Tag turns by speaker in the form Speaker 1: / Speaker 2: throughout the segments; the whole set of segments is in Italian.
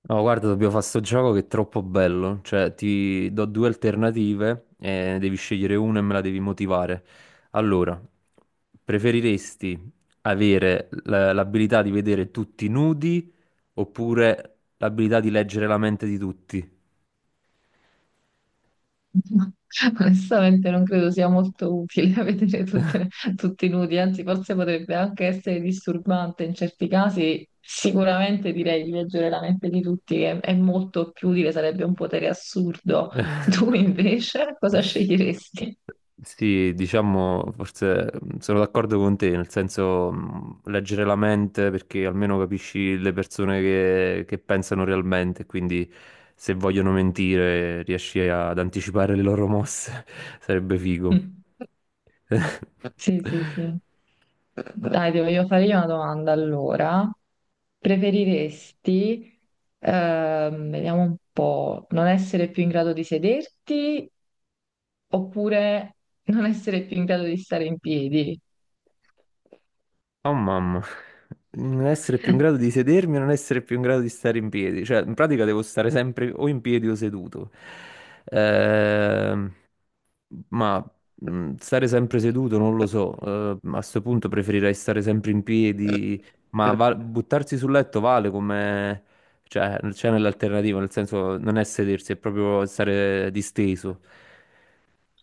Speaker 1: No, guarda, dobbiamo fare sto gioco che è troppo bello. Cioè, ti do due alternative e ne devi scegliere una e me la devi motivare. Allora, preferiresti avere l'abilità di vedere tutti nudi oppure l'abilità di leggere la mente di tutti?
Speaker 2: No. Onestamente non credo sia molto utile vedere tutti nudi, anzi forse potrebbe anche essere disturbante in certi casi. Sicuramente direi di leggere la mente di tutti, che è molto più utile, sarebbe un potere assurdo. Tu invece cosa sceglieresti?
Speaker 1: Sì, diciamo, forse sono d'accordo con te, nel senso leggere la mente perché almeno capisci le persone che pensano realmente, quindi se vogliono mentire riesci ad anticipare le loro mosse, sarebbe figo.
Speaker 2: Sì, sì, sì. Dai, devo io fare io una domanda allora. Preferiresti, vediamo un po', non essere più in grado di sederti oppure non essere più in grado di stare in piedi?
Speaker 1: Oh mamma, non essere più in grado di sedermi e non essere più in grado di stare in piedi, cioè in pratica devo stare sempre o in piedi o seduto. Ehm Ma Stare sempre seduto non lo so, a questo punto preferirei stare sempre in piedi, ma buttarsi sul letto vale come cioè c'è nell'alternativa, nel senso non è sedersi, è proprio stare disteso.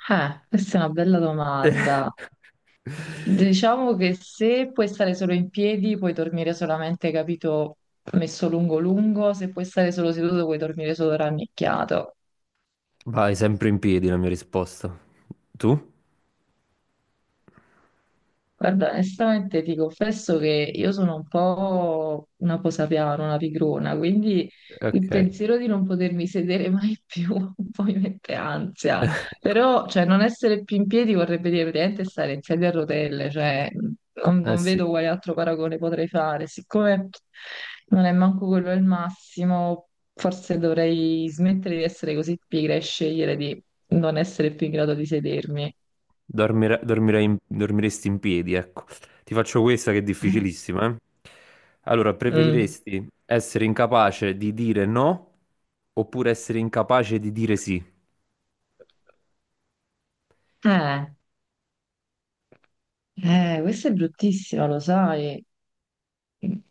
Speaker 2: Questa è una bella domanda. Diciamo che se puoi stare solo in piedi, puoi dormire solamente, capito, messo lungo lungo, se puoi stare solo seduto, puoi dormire solo rannicchiato.
Speaker 1: Vai sempre in piedi la mia risposta. Tu?
Speaker 2: Guarda, onestamente ti confesso che io sono un po' una posapiano, una pigrona, quindi il
Speaker 1: Ok.
Speaker 2: pensiero di non potermi sedere mai più un po' mi mette ansia. Però, cioè, non essere più in piedi vorrebbe dire praticamente stare in sedia a rotelle, cioè, non,
Speaker 1: Eh
Speaker 2: non
Speaker 1: sì,
Speaker 2: vedo quale altro paragone potrei fare. Siccome non è manco quello il massimo, forse dovrei smettere di essere così pigra e scegliere di non essere più in grado di sedermi.
Speaker 1: dormiresti in piedi, ecco. Ti faccio questa che è difficilissima, eh. Allora,
Speaker 2: Mm.
Speaker 1: preferiresti essere incapace di dire no oppure essere incapace di dire sì?
Speaker 2: Eh. Questa è bruttissima, lo sai.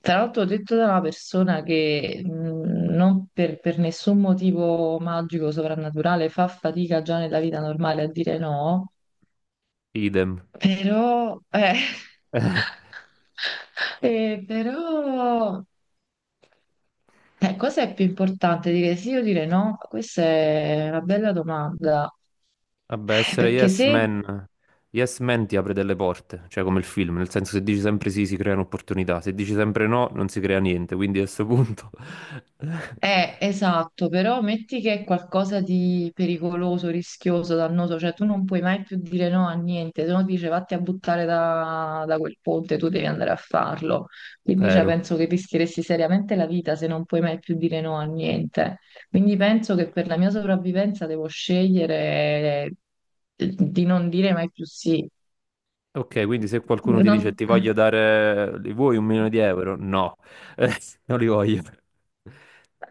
Speaker 2: Tra l'altro, detto da una persona che non per nessun motivo magico, soprannaturale, fa fatica già nella vita normale a dire no,
Speaker 1: Idem.
Speaker 2: però, però, cosa è più importante, dire sì o dire no? Questa è una bella domanda.
Speaker 1: Vabbè, essere
Speaker 2: Perché se
Speaker 1: yes man ti apre delle porte, cioè come il film, nel senso se dici sempre sì si creano opportunità, se dici sempre no non si crea niente, quindi a questo punto.
Speaker 2: Esatto, però metti che è qualcosa di pericoloso, rischioso, dannoso, cioè tu non puoi mai più dire no a niente, se no ti dice vatti a buttare da quel ponte, tu devi andare a farlo. Quindi cioè,
Speaker 1: Vero.
Speaker 2: penso che rischieresti seriamente la vita se non puoi mai più dire no a niente. Quindi penso che per la mia sopravvivenza devo scegliere di non dire mai più sì.
Speaker 1: Ok, quindi se qualcuno ti dice
Speaker 2: Non-
Speaker 1: ti voglio dare, li vuoi 1 milione di euro? No, non li voglio.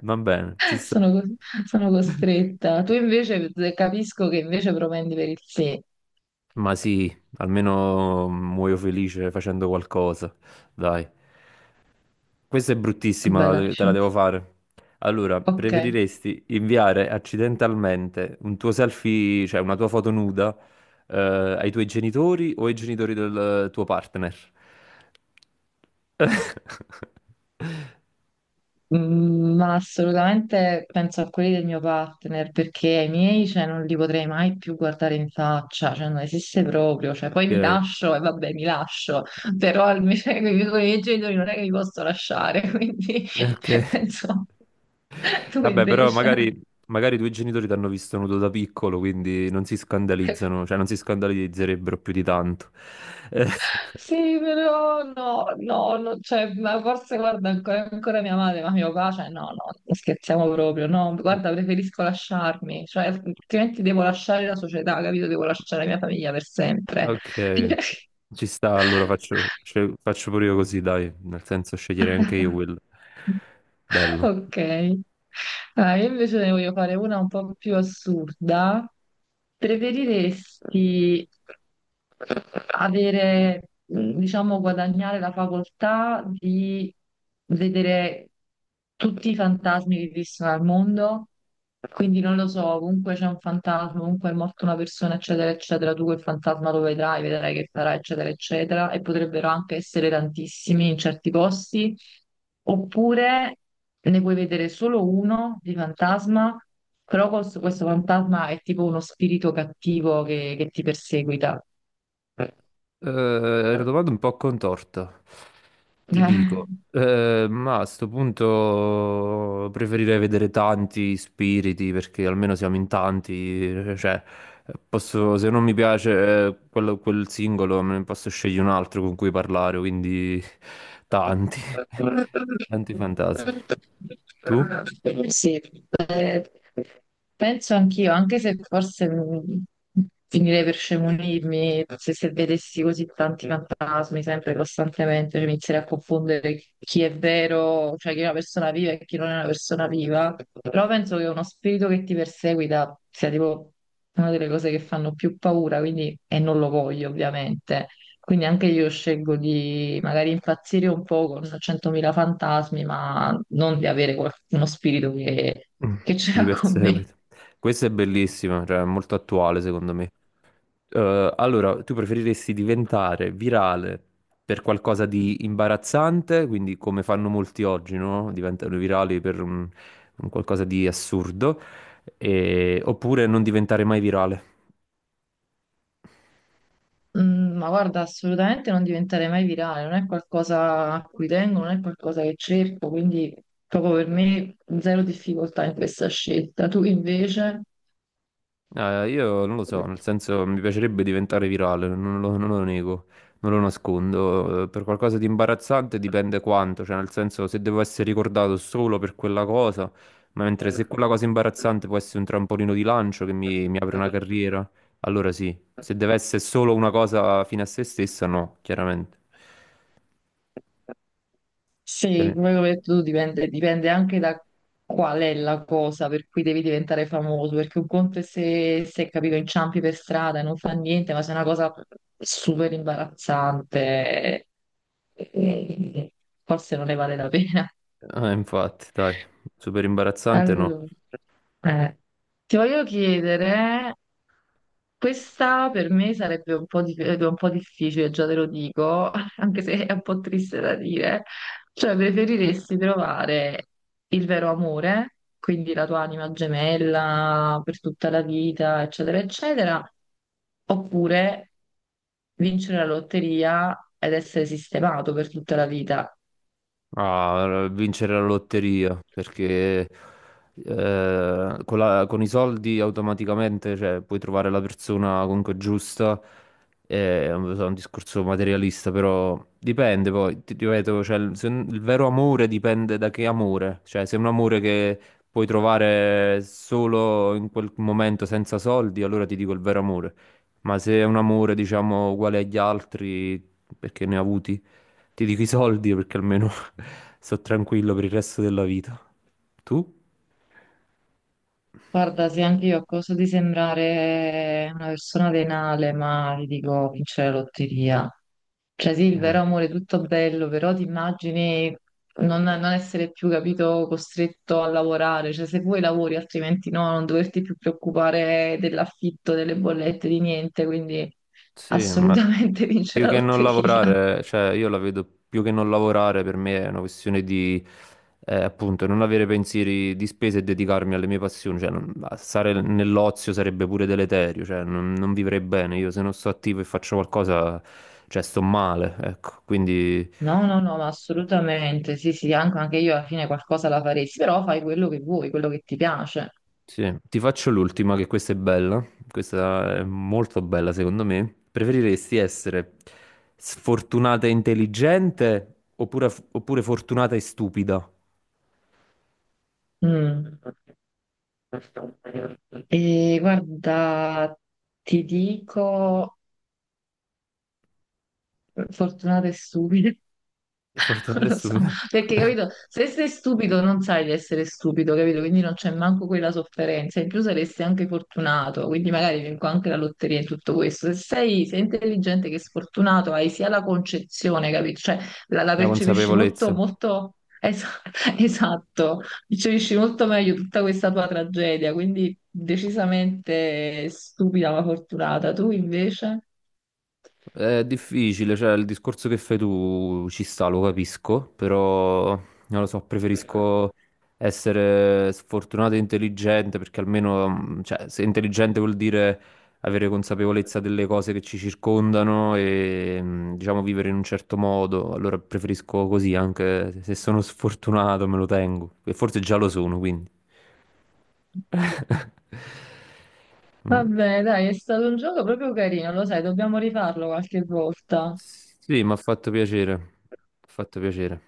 Speaker 1: Va bene, ci sta.
Speaker 2: Sono, sono costretta. Tu invece capisco che invece propendi per il sì.
Speaker 1: Ma sì, almeno muoio felice facendo qualcosa. Dai, questa è bruttissima, te la
Speaker 2: Bellissimo.
Speaker 1: devo fare. Allora,
Speaker 2: Ok.
Speaker 1: preferiresti inviare accidentalmente un tuo selfie, cioè una tua foto nuda, eh, ai tuoi genitori o ai genitori del tuo partner?
Speaker 2: Mm, ma assolutamente penso a quelli del mio partner perché ai miei cioè, non li potrei mai più guardare in faccia, cioè non esiste proprio. Cioè, poi mi
Speaker 1: Ok,
Speaker 2: lascio e vabbè, mi lascio, però almeno con i miei genitori non è che li posso lasciare, quindi
Speaker 1: ok.
Speaker 2: penso. Tu
Speaker 1: Vabbè, però
Speaker 2: invece.
Speaker 1: magari, magari i tuoi genitori ti hanno visto nudo da piccolo, quindi non si scandalizzano, cioè non si scandalizzerebbero più di tanto. Eh,
Speaker 2: Sì, però no, no, no, cioè, ma forse guarda ancora, ancora mia madre, ma mio papà, cioè, no, no, non scherziamo proprio, no, guarda, preferisco lasciarmi, cioè, altrimenti devo lasciare la società, capito? Devo lasciare la mia famiglia per sempre.
Speaker 1: ok, ci sta, allora faccio, faccio pure io così, dai, nel senso sceglierei anche io quello. Bello.
Speaker 2: Ok. Ah, io invece ne voglio fare una un po' più assurda. Preferiresti avere, diciamo, guadagnare la facoltà di vedere tutti i fantasmi che esistono al mondo, quindi non lo so, ovunque c'è un fantasma, ovunque è morta una persona, eccetera, eccetera, tu quel fantasma lo vedrai, vedrai che farà, eccetera, eccetera, e potrebbero anche essere tantissimi in certi posti, oppure ne puoi vedere solo uno di fantasma, però questo fantasma è tipo uno spirito cattivo che ti perseguita.
Speaker 1: È una domanda un po' contorta, ti dico. Ma a sto punto preferirei vedere tanti spiriti perché almeno siamo in tanti. Eh, cioè, se non mi piace quel singolo, me ne posso scegliere un altro con cui parlare, quindi tanti, tanti fantasmi. Tu?
Speaker 2: Sì, eh, penso anch'io, anche se forse mm, finirei per scemunirmi se vedessi così tanti fantasmi sempre costantemente, cioè, mi inizierei a confondere chi è vero, cioè chi è una persona viva e chi non è una persona viva. Però penso che uno spirito che ti perseguita sia tipo una delle cose che fanno più paura, quindi, e non lo voglio ovviamente. Quindi anche io scelgo di magari impazzire un po' con 100.000 fantasmi, ma non di avere uno spirito che
Speaker 1: Mm.
Speaker 2: che
Speaker 1: Chi ti
Speaker 2: c'era con me.
Speaker 1: perseguita? Questa è bellissima, cioè è molto attuale secondo me. Allora, tu preferiresti diventare virale per qualcosa di imbarazzante, quindi come fanno molti oggi, no? Diventano virali per un qualcosa di assurdo, oppure non diventare mai virale?
Speaker 2: Mm, ma guarda, assolutamente non diventerei mai virale, non è qualcosa a cui tengo, non è qualcosa che cerco, quindi proprio per me zero difficoltà in questa scelta. Tu invece,
Speaker 1: No, io non lo so, nel senso mi piacerebbe diventare virale, non lo nego, non lo nascondo. Per qualcosa di imbarazzante dipende quanto, cioè nel senso se devo essere ricordato solo per quella cosa, ma mentre se quella cosa imbarazzante può essere un trampolino di lancio che mi apre una carriera, allora sì. Se deve essere solo una cosa fine a se stessa, no, chiaramente. Te
Speaker 2: sì,
Speaker 1: ne-
Speaker 2: come ho detto tu, dipende, dipende anche da qual è la cosa per cui devi diventare famoso, perché un conto è se capito, inciampi per strada e non fa niente, ma se è una cosa super imbarazzante, eh, forse non ne vale la pena.
Speaker 1: Ah, infatti, dai, super imbarazzante no.
Speaker 2: Allora, eh, ti voglio chiedere, questa per me sarebbe un po', un po' difficile, già te lo dico, anche se è un po' triste da dire, cioè preferiresti trovare il vero amore, quindi la tua anima gemella per tutta la vita, eccetera, eccetera, oppure vincere la lotteria ed essere sistemato per tutta la vita?
Speaker 1: A vincere la lotteria perché con i soldi automaticamente cioè, puoi trovare la persona comunque giusta. È un discorso materialista, però dipende poi, ti ripeto, cioè, il, se- il vero amore dipende da che amore, cioè se è un amore che puoi trovare solo in quel momento senza soldi, allora ti dico il vero amore, ma se è un amore diciamo uguale agli altri perché ne ha avuti ti dico i soldi perché almeno sto tranquillo per il resto della vita. Tu?
Speaker 2: Guarda, sì, anche io a costo di sembrare una persona venale, ma ti dico, vincere la lotteria. Cioè sì, il
Speaker 1: Eh,
Speaker 2: vero amore è tutto bello, però ti immagini non essere più, capito, costretto a lavorare. Cioè se vuoi lavori, altrimenti no, non doverti più preoccupare dell'affitto, delle bollette, di niente. Quindi
Speaker 1: Sì, ma
Speaker 2: assolutamente vincere
Speaker 1: più
Speaker 2: la
Speaker 1: che non
Speaker 2: lotteria.
Speaker 1: lavorare, cioè io la vedo più che non lavorare per me è una questione di appunto non avere pensieri di spese e dedicarmi alle mie passioni, cioè stare nell'ozio sarebbe pure deleterio, cioè non vivrei bene, io se non sto attivo e faccio qualcosa, cioè sto male, ecco, quindi
Speaker 2: No, no, no, ma assolutamente. Sì, sì, anche, anche io alla fine qualcosa la faresti, però fai quello che vuoi, quello che ti piace.
Speaker 1: sì, ti faccio l'ultima, che questa è bella, questa è molto bella secondo me. Preferiresti essere sfortunata e intelligente oppure, oppure fortunata e stupida?
Speaker 2: Mm. E guarda, ti dico, fortunata e stupida,
Speaker 1: Fortunata
Speaker 2: non
Speaker 1: e
Speaker 2: lo so,
Speaker 1: stupida.
Speaker 2: perché capito, se sei stupido non sai di essere stupido, capito? Quindi non c'è manco quella sofferenza, in più saresti anche fortunato, quindi magari vinco anche la lotteria e tutto questo. Se sei sia intelligente che sfortunato, hai sia la concezione, capito? Cioè la
Speaker 1: La
Speaker 2: percepisci
Speaker 1: consapevolezza.
Speaker 2: esatto, percepisci molto meglio tutta questa tua tragedia, quindi decisamente stupida ma fortunata. Tu invece?
Speaker 1: È difficile, cioè il discorso che fai tu ci sta, lo capisco, però non lo so, preferisco essere sfortunato e intelligente perché almeno, cioè, se intelligente vuol dire avere consapevolezza delle cose che ci circondano e diciamo vivere in un certo modo, allora preferisco così, anche se sono sfortunato me lo tengo, e forse già lo sono, quindi. Mm.
Speaker 2: Vabbè, dai, è stato un gioco proprio carino, lo sai, dobbiamo rifarlo qualche volta.
Speaker 1: Sì, mi ha fatto piacere. Mi ha fatto piacere.